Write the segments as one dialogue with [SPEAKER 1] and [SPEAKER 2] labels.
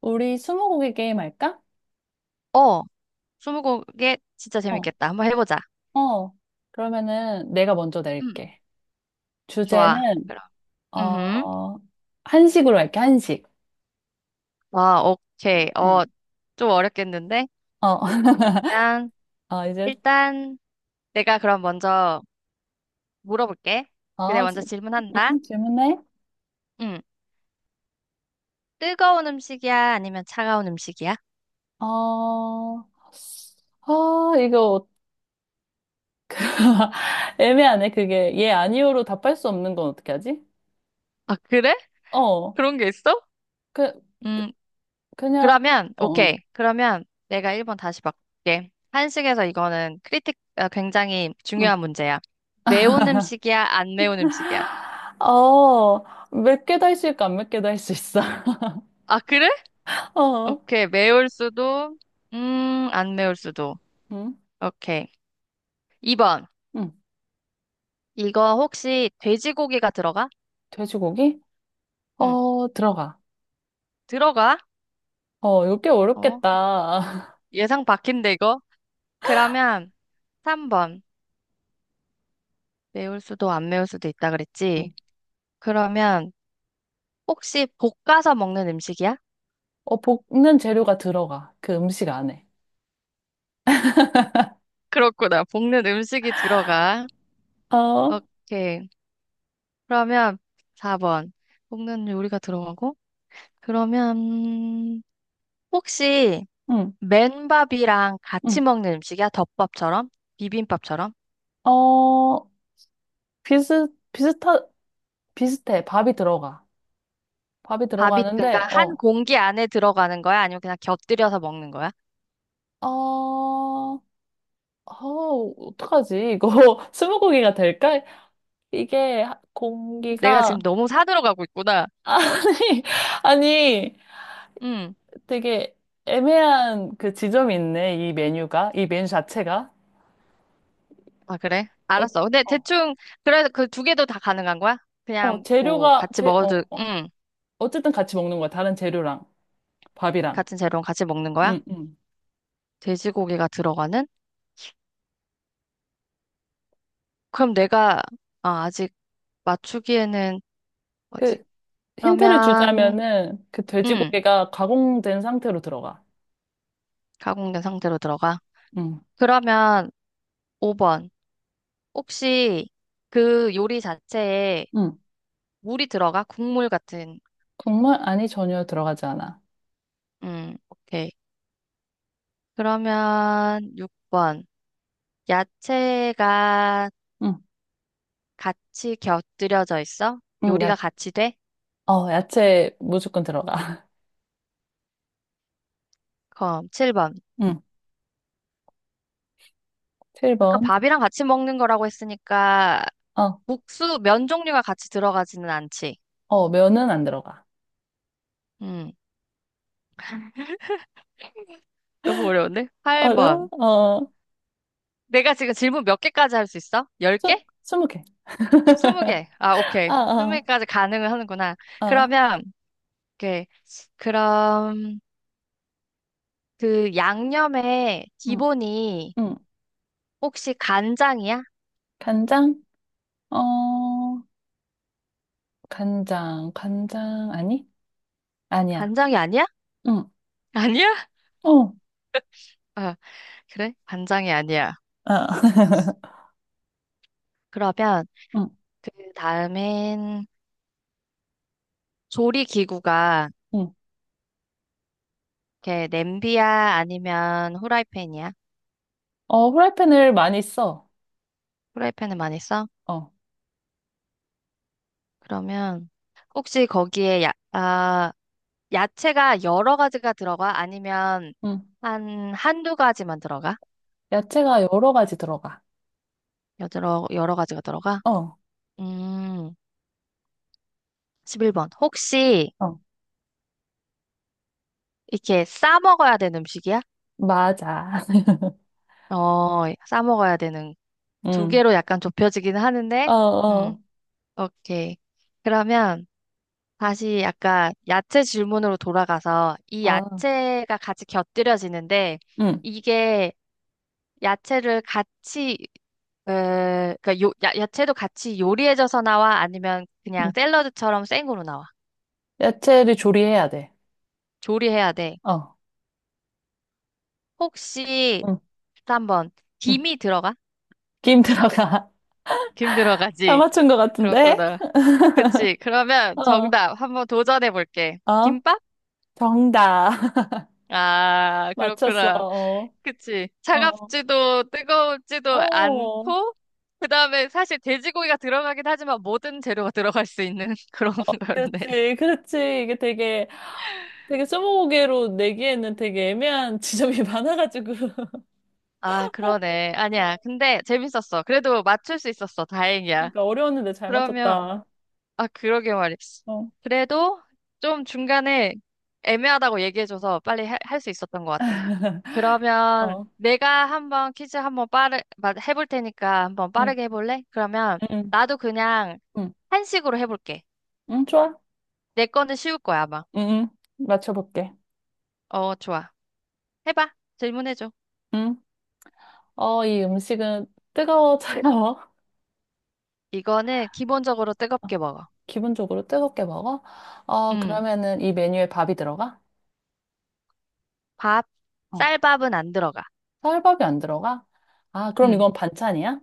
[SPEAKER 1] 우리 스무고개 게임 할까?
[SPEAKER 2] 어, 스무고개 진짜
[SPEAKER 1] 어,
[SPEAKER 2] 재밌겠다. 한번 해보자.
[SPEAKER 1] 어. 그러면은 내가 먼저
[SPEAKER 2] 음,
[SPEAKER 1] 낼게.
[SPEAKER 2] 좋아.
[SPEAKER 1] 주제는,
[SPEAKER 2] 그럼. 음,
[SPEAKER 1] 어, 한식으로 할게, 한식.
[SPEAKER 2] 아, 오케이.
[SPEAKER 1] 응.
[SPEAKER 2] 어, 좀 어렵겠는데?
[SPEAKER 1] 어,
[SPEAKER 2] 그러면
[SPEAKER 1] 어, 이제,
[SPEAKER 2] 일단 내가 그럼 먼저 물어볼게. 그래,
[SPEAKER 1] 어, 지-
[SPEAKER 2] 먼저 질문한다.
[SPEAKER 1] 응, 질문해.
[SPEAKER 2] 음, 뜨거운 음식이야? 아니면 차가운 음식이야?
[SPEAKER 1] 어, 아, 이거, 애매하네, 그게. 예, 아니요로 답할 수 없는 건 어떻게 하지?
[SPEAKER 2] 아, 그래?
[SPEAKER 1] 어,
[SPEAKER 2] 그런 게 있어?
[SPEAKER 1] 그,
[SPEAKER 2] 음,
[SPEAKER 1] 그냥,
[SPEAKER 2] 그러면,
[SPEAKER 1] 어, 어.
[SPEAKER 2] 오케이. 그러면 내가 1번 다시 바꿀게. 한식에서 이거는 크리틱, 아, 굉장히
[SPEAKER 1] 응.
[SPEAKER 2] 중요한 문제야. 매운 음식이야? 안 매운 음식이야?
[SPEAKER 1] 어, 몇 개도 할 수 있고 안 몇 개도 할 수 있어.
[SPEAKER 2] 아, 그래?
[SPEAKER 1] 어,
[SPEAKER 2] 오케이. 매울 수도, 안 매울 수도.
[SPEAKER 1] 응,
[SPEAKER 2] 오케이. 2번.
[SPEAKER 1] 응.
[SPEAKER 2] 이거 혹시 돼지고기가 들어가?
[SPEAKER 1] 돼지고기?
[SPEAKER 2] 응,
[SPEAKER 1] 들어가.
[SPEAKER 2] 들어가.
[SPEAKER 1] 어, 이거 꽤
[SPEAKER 2] 어,
[SPEAKER 1] 어렵겠다.
[SPEAKER 2] 예상 바뀐데, 이거? 그러면 3번. 매울 수도, 안 매울 수도 있다 그랬지?
[SPEAKER 1] 음.
[SPEAKER 2] 그러면 혹시 볶아서 먹는 음식이야?
[SPEAKER 1] 어, 볶는 재료가 들어가. 그 음식 안에.
[SPEAKER 2] 그렇구나. 볶는 음식이 들어가.
[SPEAKER 1] 어,
[SPEAKER 2] 오케이. 그러면 4번. 볶는 요리가 들어가고? 그러면, 음, 혹시
[SPEAKER 1] 응,
[SPEAKER 2] 맨밥이랑 같이
[SPEAKER 1] 응.
[SPEAKER 2] 먹는 음식이야? 덮밥처럼? 비빔밥처럼?
[SPEAKER 1] 어, 비슷, 비슷하, 비슷해. 밥이 들어가. 밥이
[SPEAKER 2] 밥이 그러니까
[SPEAKER 1] 들어가는데,
[SPEAKER 2] 한 공기 안에 들어가는 거야? 아니면 그냥 곁들여서 먹는 거야?
[SPEAKER 1] 어, 어, 어떡하지? 이거 스무고개가 될까? 이게
[SPEAKER 2] 내가
[SPEAKER 1] 공기가,
[SPEAKER 2] 지금 너무 사들어 가고 있구나.
[SPEAKER 1] 아니, 아니,
[SPEAKER 2] 응.
[SPEAKER 1] 되게 애매한 그 지점이 있네. 이 메뉴가. 이 메뉴 자체가.
[SPEAKER 2] 아, 그래? 알았어. 근데
[SPEAKER 1] 어,
[SPEAKER 2] 대충 그래서 그 2개도 다 가능한 거야?
[SPEAKER 1] 어,
[SPEAKER 2] 그냥 뭐
[SPEAKER 1] 재료가,
[SPEAKER 2] 같이
[SPEAKER 1] 재, 어,
[SPEAKER 2] 먹어도
[SPEAKER 1] 어.
[SPEAKER 2] 응.
[SPEAKER 1] 어쨌든 같이 먹는 거야. 다른 재료랑, 밥이랑.
[SPEAKER 2] 같은 재료랑 같이 먹는 거야?
[SPEAKER 1] 응, 응.
[SPEAKER 2] 돼지고기가 들어가는? 그럼 내가 아, 아직 맞추기에는 뭐지?
[SPEAKER 1] 그, 힌트를
[SPEAKER 2] 그러면
[SPEAKER 1] 주자면은, 그
[SPEAKER 2] 응.
[SPEAKER 1] 돼지고기가 가공된 상태로 들어가.
[SPEAKER 2] 가공된 상태로 들어가.
[SPEAKER 1] 응,
[SPEAKER 2] 그러면 5번. 혹시 그 요리 자체에
[SPEAKER 1] 응.
[SPEAKER 2] 물이 들어가? 국물 같은.
[SPEAKER 1] 국물? 아니, 전혀 들어가지 않아.
[SPEAKER 2] 오케이. 그러면 6번. 야채가
[SPEAKER 1] 응,
[SPEAKER 2] 같이 곁들여져 있어?
[SPEAKER 1] 응,
[SPEAKER 2] 요리가
[SPEAKER 1] 야,
[SPEAKER 2] 같이 돼?
[SPEAKER 1] 어, 야채 무조건 들어가.
[SPEAKER 2] 그럼 7번.
[SPEAKER 1] 응,
[SPEAKER 2] 아까
[SPEAKER 1] 7번.
[SPEAKER 2] 밥이랑 같이 먹는 거라고 했으니까
[SPEAKER 1] 어,
[SPEAKER 2] 국수, 면 종류가 같이 들어가지는 않지.
[SPEAKER 1] 면은 안 들어가.
[SPEAKER 2] 음, 너무 어려운데?
[SPEAKER 1] 어려워?
[SPEAKER 2] 8번. 내가 지금 질문 몇 개까지 할 수 있어?
[SPEAKER 1] 스,
[SPEAKER 2] 10개?
[SPEAKER 1] 스무 개.
[SPEAKER 2] 20개? 아, 오케이.
[SPEAKER 1] 아, 아,
[SPEAKER 2] 20개까지 가능을 하는구나.
[SPEAKER 1] 아.
[SPEAKER 2] 그러면, 오케이. 그럼 그 양념의
[SPEAKER 1] 응,
[SPEAKER 2] 기본이
[SPEAKER 1] 응.
[SPEAKER 2] 혹시 간장이야?
[SPEAKER 1] 간장? 어, 간장, 아니? 아니야.
[SPEAKER 2] 간장이 아니야?
[SPEAKER 1] 응.
[SPEAKER 2] 아니야?
[SPEAKER 1] 어,
[SPEAKER 2] 아, 그래? 간장이 아니야.
[SPEAKER 1] 아.
[SPEAKER 2] 그러면
[SPEAKER 1] 응,
[SPEAKER 2] 그 다음엔 조리 기구가
[SPEAKER 1] 응.
[SPEAKER 2] 이렇게 냄비야 아니면 후라이팬이야?
[SPEAKER 1] 어, 후라이팬을 많이 써.
[SPEAKER 2] 후라이팬을 많이 써?
[SPEAKER 1] 어,
[SPEAKER 2] 그러면 혹시 거기에 야채가 여러 가지가 들어가? 아니면
[SPEAKER 1] 응.
[SPEAKER 2] 한두 가지만 들어가?
[SPEAKER 1] 야채가 여러 가지 들어가.
[SPEAKER 2] 여러 가지가 들어가?
[SPEAKER 1] 어,
[SPEAKER 2] 음, 11번. 혹시
[SPEAKER 1] 어,
[SPEAKER 2] 이렇게 싸 먹어야 되는 음식이야?
[SPEAKER 1] 맞아.
[SPEAKER 2] 어, 싸 먹어야 되는. 두
[SPEAKER 1] 응,
[SPEAKER 2] 개로 약간 좁혀지긴 하는데,
[SPEAKER 1] 어,
[SPEAKER 2] 음,
[SPEAKER 1] 어,
[SPEAKER 2] 오케이. 그러면 다시 약간 야채 질문으로 돌아가서 이
[SPEAKER 1] 아,
[SPEAKER 2] 야채가 같이 곁들여지는데
[SPEAKER 1] 응.
[SPEAKER 2] 이게 야채를 같이, 그러니까 야채도 같이 요리해져서 나와? 아니면 그냥
[SPEAKER 1] 응.
[SPEAKER 2] 샐러드처럼 생으로 나와?
[SPEAKER 1] 야채를 조리해야 돼.
[SPEAKER 2] 조리해야 돼.
[SPEAKER 1] 어,
[SPEAKER 2] 혹시
[SPEAKER 1] 응,
[SPEAKER 2] 한번
[SPEAKER 1] 응.
[SPEAKER 2] 김이 들어가?
[SPEAKER 1] 김 들어가.
[SPEAKER 2] 김
[SPEAKER 1] 다
[SPEAKER 2] 들어가지.
[SPEAKER 1] 맞춘 것 같은데?
[SPEAKER 2] 그렇구나. 그치. 그러면
[SPEAKER 1] 어,
[SPEAKER 2] 정답 한번 도전해 볼게.
[SPEAKER 1] 어,
[SPEAKER 2] 김밥?
[SPEAKER 1] 정답.
[SPEAKER 2] 아,
[SPEAKER 1] 맞췄어.
[SPEAKER 2] 그렇구나. 그치.
[SPEAKER 1] 어,
[SPEAKER 2] 차갑지도 뜨거운지도
[SPEAKER 1] 어.
[SPEAKER 2] 않고, 그 다음에 사실 돼지고기가 들어가긴 하지만 모든 재료가 들어갈 수 있는 그런 거였네.
[SPEAKER 1] 그렇지, 그렇지. 되게 스무고개로 내기에는 되게 애매한 지점이 많아가지고.
[SPEAKER 2] 아, 그러네.
[SPEAKER 1] 어.
[SPEAKER 2] 아니야. 근데 재밌었어. 그래도 맞출 수 있었어. 다행이야.
[SPEAKER 1] 그러니까 어려웠는데 잘
[SPEAKER 2] 그러면
[SPEAKER 1] 맞췄다.
[SPEAKER 2] 아, 그러게 말이지.
[SPEAKER 1] 어.
[SPEAKER 2] 그래도 좀 중간에 애매하다고 얘기해줘서 빨리 할 수 있었던 것 같아.
[SPEAKER 1] 어.
[SPEAKER 2] 그러면 내가 한번 퀴즈 한번 해볼 테니까 한번
[SPEAKER 1] 응,
[SPEAKER 2] 빠르게 해볼래? 그러면
[SPEAKER 1] 응,
[SPEAKER 2] 나도 그냥
[SPEAKER 1] 응.
[SPEAKER 2] 한식으로 해볼게.
[SPEAKER 1] 응, 좋아.
[SPEAKER 2] 내 거는 쉬울 거야, 아마.
[SPEAKER 1] 응, 응. 맞춰볼게.
[SPEAKER 2] 어, 좋아. 해봐. 질문해줘.
[SPEAKER 1] 응. 어, 이 음식은 뜨거워, 차가워?
[SPEAKER 2] 이거는 기본적으로
[SPEAKER 1] 어,
[SPEAKER 2] 뜨겁게 먹어.
[SPEAKER 1] 기본적으로 뜨겁게 먹어? 어,
[SPEAKER 2] 음
[SPEAKER 1] 그러면은 이 메뉴에 밥이 들어가?
[SPEAKER 2] 밥,
[SPEAKER 1] 어,
[SPEAKER 2] 쌀밥은 안 들어가.
[SPEAKER 1] 설밥이 안 들어가? 아, 그럼
[SPEAKER 2] 음
[SPEAKER 1] 이건 반찬이야?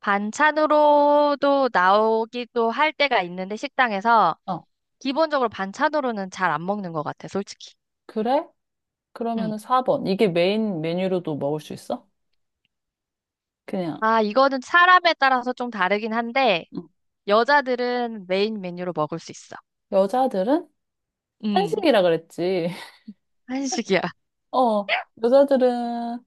[SPEAKER 2] 반찬으로도 나오기도 할 때가 있는데, 식당에서.
[SPEAKER 1] 어,
[SPEAKER 2] 기본적으로 반찬으로는 잘 안 먹는 것 같아, 솔직히.
[SPEAKER 1] 그래?
[SPEAKER 2] 응.
[SPEAKER 1] 그러면은 4번. 이게 메인 메뉴로도 먹을 수 있어? 그냥.
[SPEAKER 2] 아, 이거는 사람에 따라서 좀 다르긴 한데,
[SPEAKER 1] 응.
[SPEAKER 2] 여자들은 메인 메뉴로 먹을 수 있어.
[SPEAKER 1] 여자들은
[SPEAKER 2] 음,
[SPEAKER 1] 한식이라 그랬지.
[SPEAKER 2] 한식이야.
[SPEAKER 1] 어, 여자들은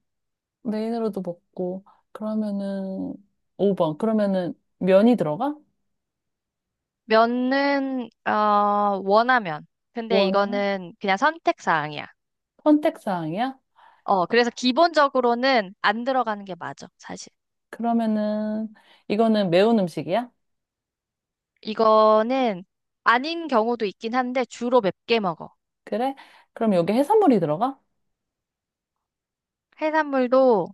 [SPEAKER 1] 메인으로도 먹고, 그러면은 5번. 그러면은 면이 들어가?
[SPEAKER 2] 면은, 어, 원하면. 근데
[SPEAKER 1] 원하면?
[SPEAKER 2] 이거는 그냥 선택사항이야.
[SPEAKER 1] 선택사항이야?
[SPEAKER 2] 어, 그래서 기본적으로는 안 들어가는 게 맞아, 사실.
[SPEAKER 1] 그러면은 이거는 매운 음식이야?
[SPEAKER 2] 이거는 아닌 경우도 있긴 한데, 주로 맵게 먹어.
[SPEAKER 1] 그래? 그럼 여기 해산물이 들어가?
[SPEAKER 2] 해산물도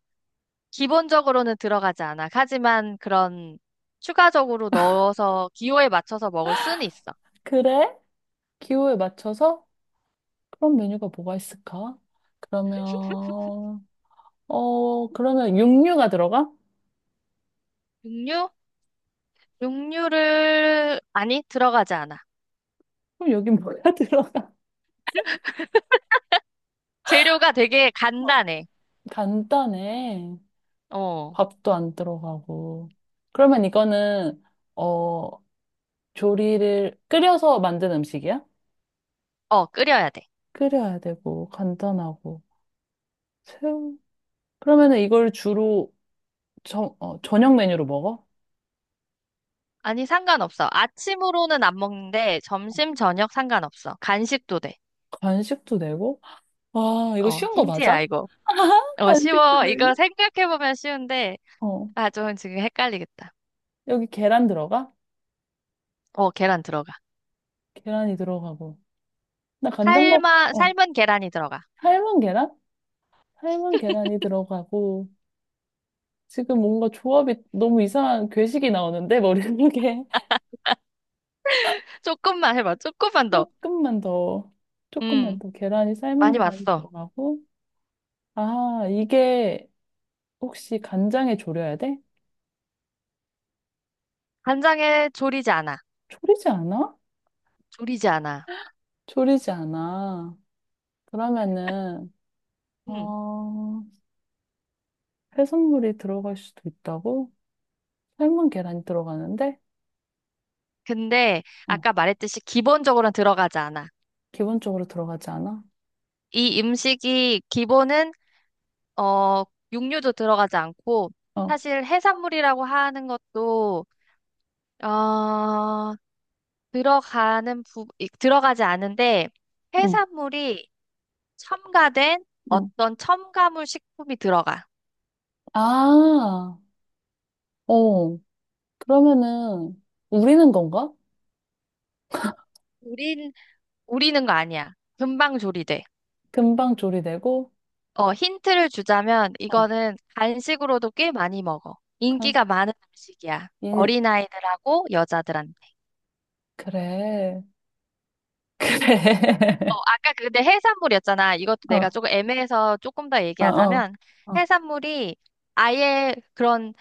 [SPEAKER 2] 기본적으로는 들어가지 않아. 하지만 그런 추가적으로 넣어서 기호에 맞춰서 먹을 수는 있어.
[SPEAKER 1] 그래? 기호에 맞춰서 그런 메뉴가 뭐가 있을까? 그러면, 어, 그러면 육류가 들어가?
[SPEAKER 2] 육류? 육류를, 아니, 들어가지 않아.
[SPEAKER 1] 그럼 여기 뭐가 들어?
[SPEAKER 2] 재료가 되게
[SPEAKER 1] 어.
[SPEAKER 2] 간단해.
[SPEAKER 1] 간단해.
[SPEAKER 2] 어,
[SPEAKER 1] 밥도 안 들어가고. 그러면 이거는, 어, 조리를 끓여서 만든 음식이야?
[SPEAKER 2] 어, 끓여야 돼.
[SPEAKER 1] 끓여야 되고, 간단하고. 새우. 그러면은 이걸 주로 저녁 메뉴로 먹어?
[SPEAKER 2] 아니, 상관없어. 아침으로는 안 먹는데, 점심, 저녁 상관없어. 간식도 돼.
[SPEAKER 1] 간식도 내고? 아, 이거
[SPEAKER 2] 어,
[SPEAKER 1] 쉬운 거
[SPEAKER 2] 힌트야,
[SPEAKER 1] 맞아?
[SPEAKER 2] 이거. 어,
[SPEAKER 1] 간식도
[SPEAKER 2] 쉬워. 이거
[SPEAKER 1] 되고.
[SPEAKER 2] 생각해보면 쉬운데,
[SPEAKER 1] 어.
[SPEAKER 2] 아, 좀 지금 헷갈리겠다.
[SPEAKER 1] 여기 계란 들어가?
[SPEAKER 2] 어, 계란 들어가.
[SPEAKER 1] 계란이 들어가고. 나 간장밥, 어.
[SPEAKER 2] 삶은 계란이 들어가.
[SPEAKER 1] 삶은 계란? 삶은 계란이 들어가고. 지금 뭔가 조합이 너무 이상한 괴식이 나오는데 머릿속에
[SPEAKER 2] 조금만 해봐. 조금만 더.
[SPEAKER 1] 조금만 더, 조금만
[SPEAKER 2] 음,
[SPEAKER 1] 더. 계란이 삶은
[SPEAKER 2] 많이
[SPEAKER 1] 계란이
[SPEAKER 2] 봤어.
[SPEAKER 1] 들어가고. 아 이게 혹시 간장에 졸여야 돼?
[SPEAKER 2] 간장에 졸이지 않아.
[SPEAKER 1] 졸이지 않아?
[SPEAKER 2] 졸이지 않아.
[SPEAKER 1] 졸이지 않아. 그러면은
[SPEAKER 2] 음.
[SPEAKER 1] 어 해산물이 들어갈 수도 있다고? 삶은 계란이 들어가는데
[SPEAKER 2] 근데
[SPEAKER 1] 어
[SPEAKER 2] 아까 말했듯이 기본적으로는 들어가지 않아.
[SPEAKER 1] 기본적으로 들어가지 않아?
[SPEAKER 2] 이 음식이 기본은 어 육류도 들어가지 않고
[SPEAKER 1] 어
[SPEAKER 2] 사실 해산물이라고 하는 것도 어 들어가는 들어가지 않은데
[SPEAKER 1] 응.
[SPEAKER 2] 해산물이 첨가된
[SPEAKER 1] 응.
[SPEAKER 2] 어떤 첨가물 식품이 들어가.
[SPEAKER 1] 아, 어, 그러면은 우리는 건가?
[SPEAKER 2] 우린 우리는 거 아니야. 금방 조리돼.
[SPEAKER 1] 금방 조리되고
[SPEAKER 2] 어, 힌트를 주자면
[SPEAKER 1] 어,
[SPEAKER 2] 이거는 간식으로도 꽤 많이 먹어.
[SPEAKER 1] 간,
[SPEAKER 2] 인기가 많은 음식이야.
[SPEAKER 1] 인,
[SPEAKER 2] 어린아이들하고 여자들한테.
[SPEAKER 1] 그래,
[SPEAKER 2] 어,
[SPEAKER 1] 그래.
[SPEAKER 2] 아까 근데 해산물이었잖아. 이것도 내가
[SPEAKER 1] 어,
[SPEAKER 2] 조금 애매해서 조금 더
[SPEAKER 1] 어, 어,
[SPEAKER 2] 얘기하자면
[SPEAKER 1] 어,
[SPEAKER 2] 해산물이 아예 그런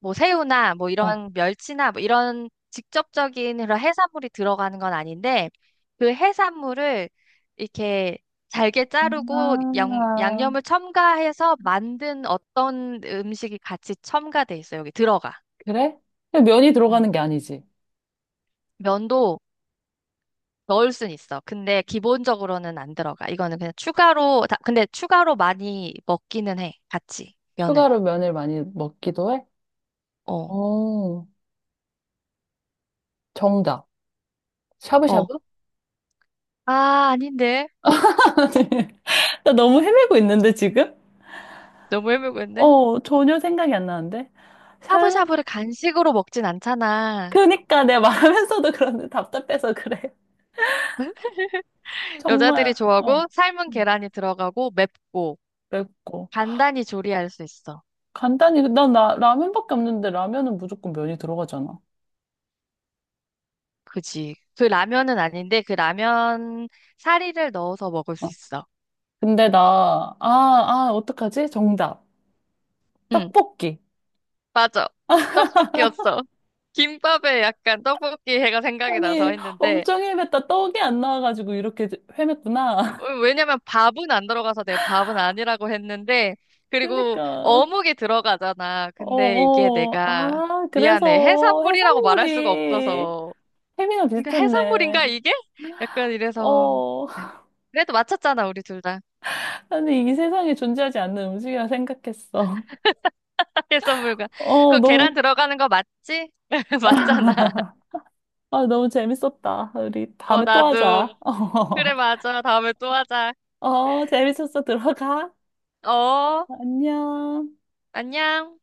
[SPEAKER 2] 뭐 새우나 뭐
[SPEAKER 1] 어.
[SPEAKER 2] 이런 멸치나 뭐 이런 직접적인 그런 해산물이 들어가는 건 아닌데 그 해산물을 이렇게 잘게 자르고
[SPEAKER 1] 아,
[SPEAKER 2] 양념을 첨가해서 만든 어떤 음식이 같이 첨가돼 있어. 여기 들어가.
[SPEAKER 1] 그래? 근데 면이
[SPEAKER 2] 음.
[SPEAKER 1] 들어가는 게 아니지.
[SPEAKER 2] 면도 넣을 순 있어. 근데 기본적으로는 안 들어가. 이거는 그냥 추가로 근데 추가로 많이 먹기는 해. 같이 면을.
[SPEAKER 1] 추가로 면을 많이 먹기도 해?
[SPEAKER 2] 어.
[SPEAKER 1] 오, 정답.
[SPEAKER 2] 어.
[SPEAKER 1] 샤브샤브?
[SPEAKER 2] 아, 아닌데.
[SPEAKER 1] 나 너무 헤매고 있는데, 지금?
[SPEAKER 2] 너무 헤매고 있네.
[SPEAKER 1] 어, 전혀 생각이 안 나는데? 설마,
[SPEAKER 2] 샤브샤브를 간식으로 먹진 않잖아.
[SPEAKER 1] 그니까 내가 말하면서도 그런데 답답해서 그래.
[SPEAKER 2] 여자들이
[SPEAKER 1] 정말, 어,
[SPEAKER 2] 좋아하고 삶은
[SPEAKER 1] 음,
[SPEAKER 2] 계란이 들어가고 맵고
[SPEAKER 1] 맵고.
[SPEAKER 2] 간단히 조리할 수 있어.
[SPEAKER 1] 간단히 난 라면밖에 없는데 라면은 무조건 면이 들어가잖아.
[SPEAKER 2] 그지. 그 라면은 아닌데 그 라면 사리를 넣어서 먹을
[SPEAKER 1] 어.
[SPEAKER 2] 수 있어.
[SPEAKER 1] 근데 나, 어떡하지? 정답.
[SPEAKER 2] 응,
[SPEAKER 1] 떡볶이.
[SPEAKER 2] 맞아. 떡볶이였어. 김밥에 약간 떡볶이 해가 생각이 나서
[SPEAKER 1] 아니,
[SPEAKER 2] 했는데
[SPEAKER 1] 엄청 헤맸다. 떡이 안 나와가지고 이렇게 헤맸구나.
[SPEAKER 2] 어, 왜냐면 밥은 안 들어가서 내가 밥은 아니라고 했는데 그리고
[SPEAKER 1] 그니까.
[SPEAKER 2] 어묵이 들어가잖아.
[SPEAKER 1] 어,
[SPEAKER 2] 근데 이게
[SPEAKER 1] 어.
[SPEAKER 2] 내가
[SPEAKER 1] 아,
[SPEAKER 2] 미안해.
[SPEAKER 1] 그래서
[SPEAKER 2] 해산물이라고 말할 수가
[SPEAKER 1] 해산물이
[SPEAKER 2] 없어서
[SPEAKER 1] 햄이랑
[SPEAKER 2] 이거 해산물인가
[SPEAKER 1] 비슷했네.
[SPEAKER 2] 이게? 약간 이래서
[SPEAKER 1] 어.
[SPEAKER 2] 네. 그래도 맞췄잖아 우리 둘 다.
[SPEAKER 1] 아니, 이 세상에 존재하지 않는 음식이라 생각했어.
[SPEAKER 2] 해산물과
[SPEAKER 1] 어,
[SPEAKER 2] 그
[SPEAKER 1] 너무,
[SPEAKER 2] 계란 들어가는 거 맞지? 맞잖아.
[SPEAKER 1] 아, 너무 재밌었다. 우리
[SPEAKER 2] 어
[SPEAKER 1] 다음에 또
[SPEAKER 2] 나도
[SPEAKER 1] 하자.
[SPEAKER 2] 그래 맞아. 다음에 또 하자.
[SPEAKER 1] 어, 재밌었어. 들어가.
[SPEAKER 2] 어
[SPEAKER 1] 안녕.
[SPEAKER 2] 안녕.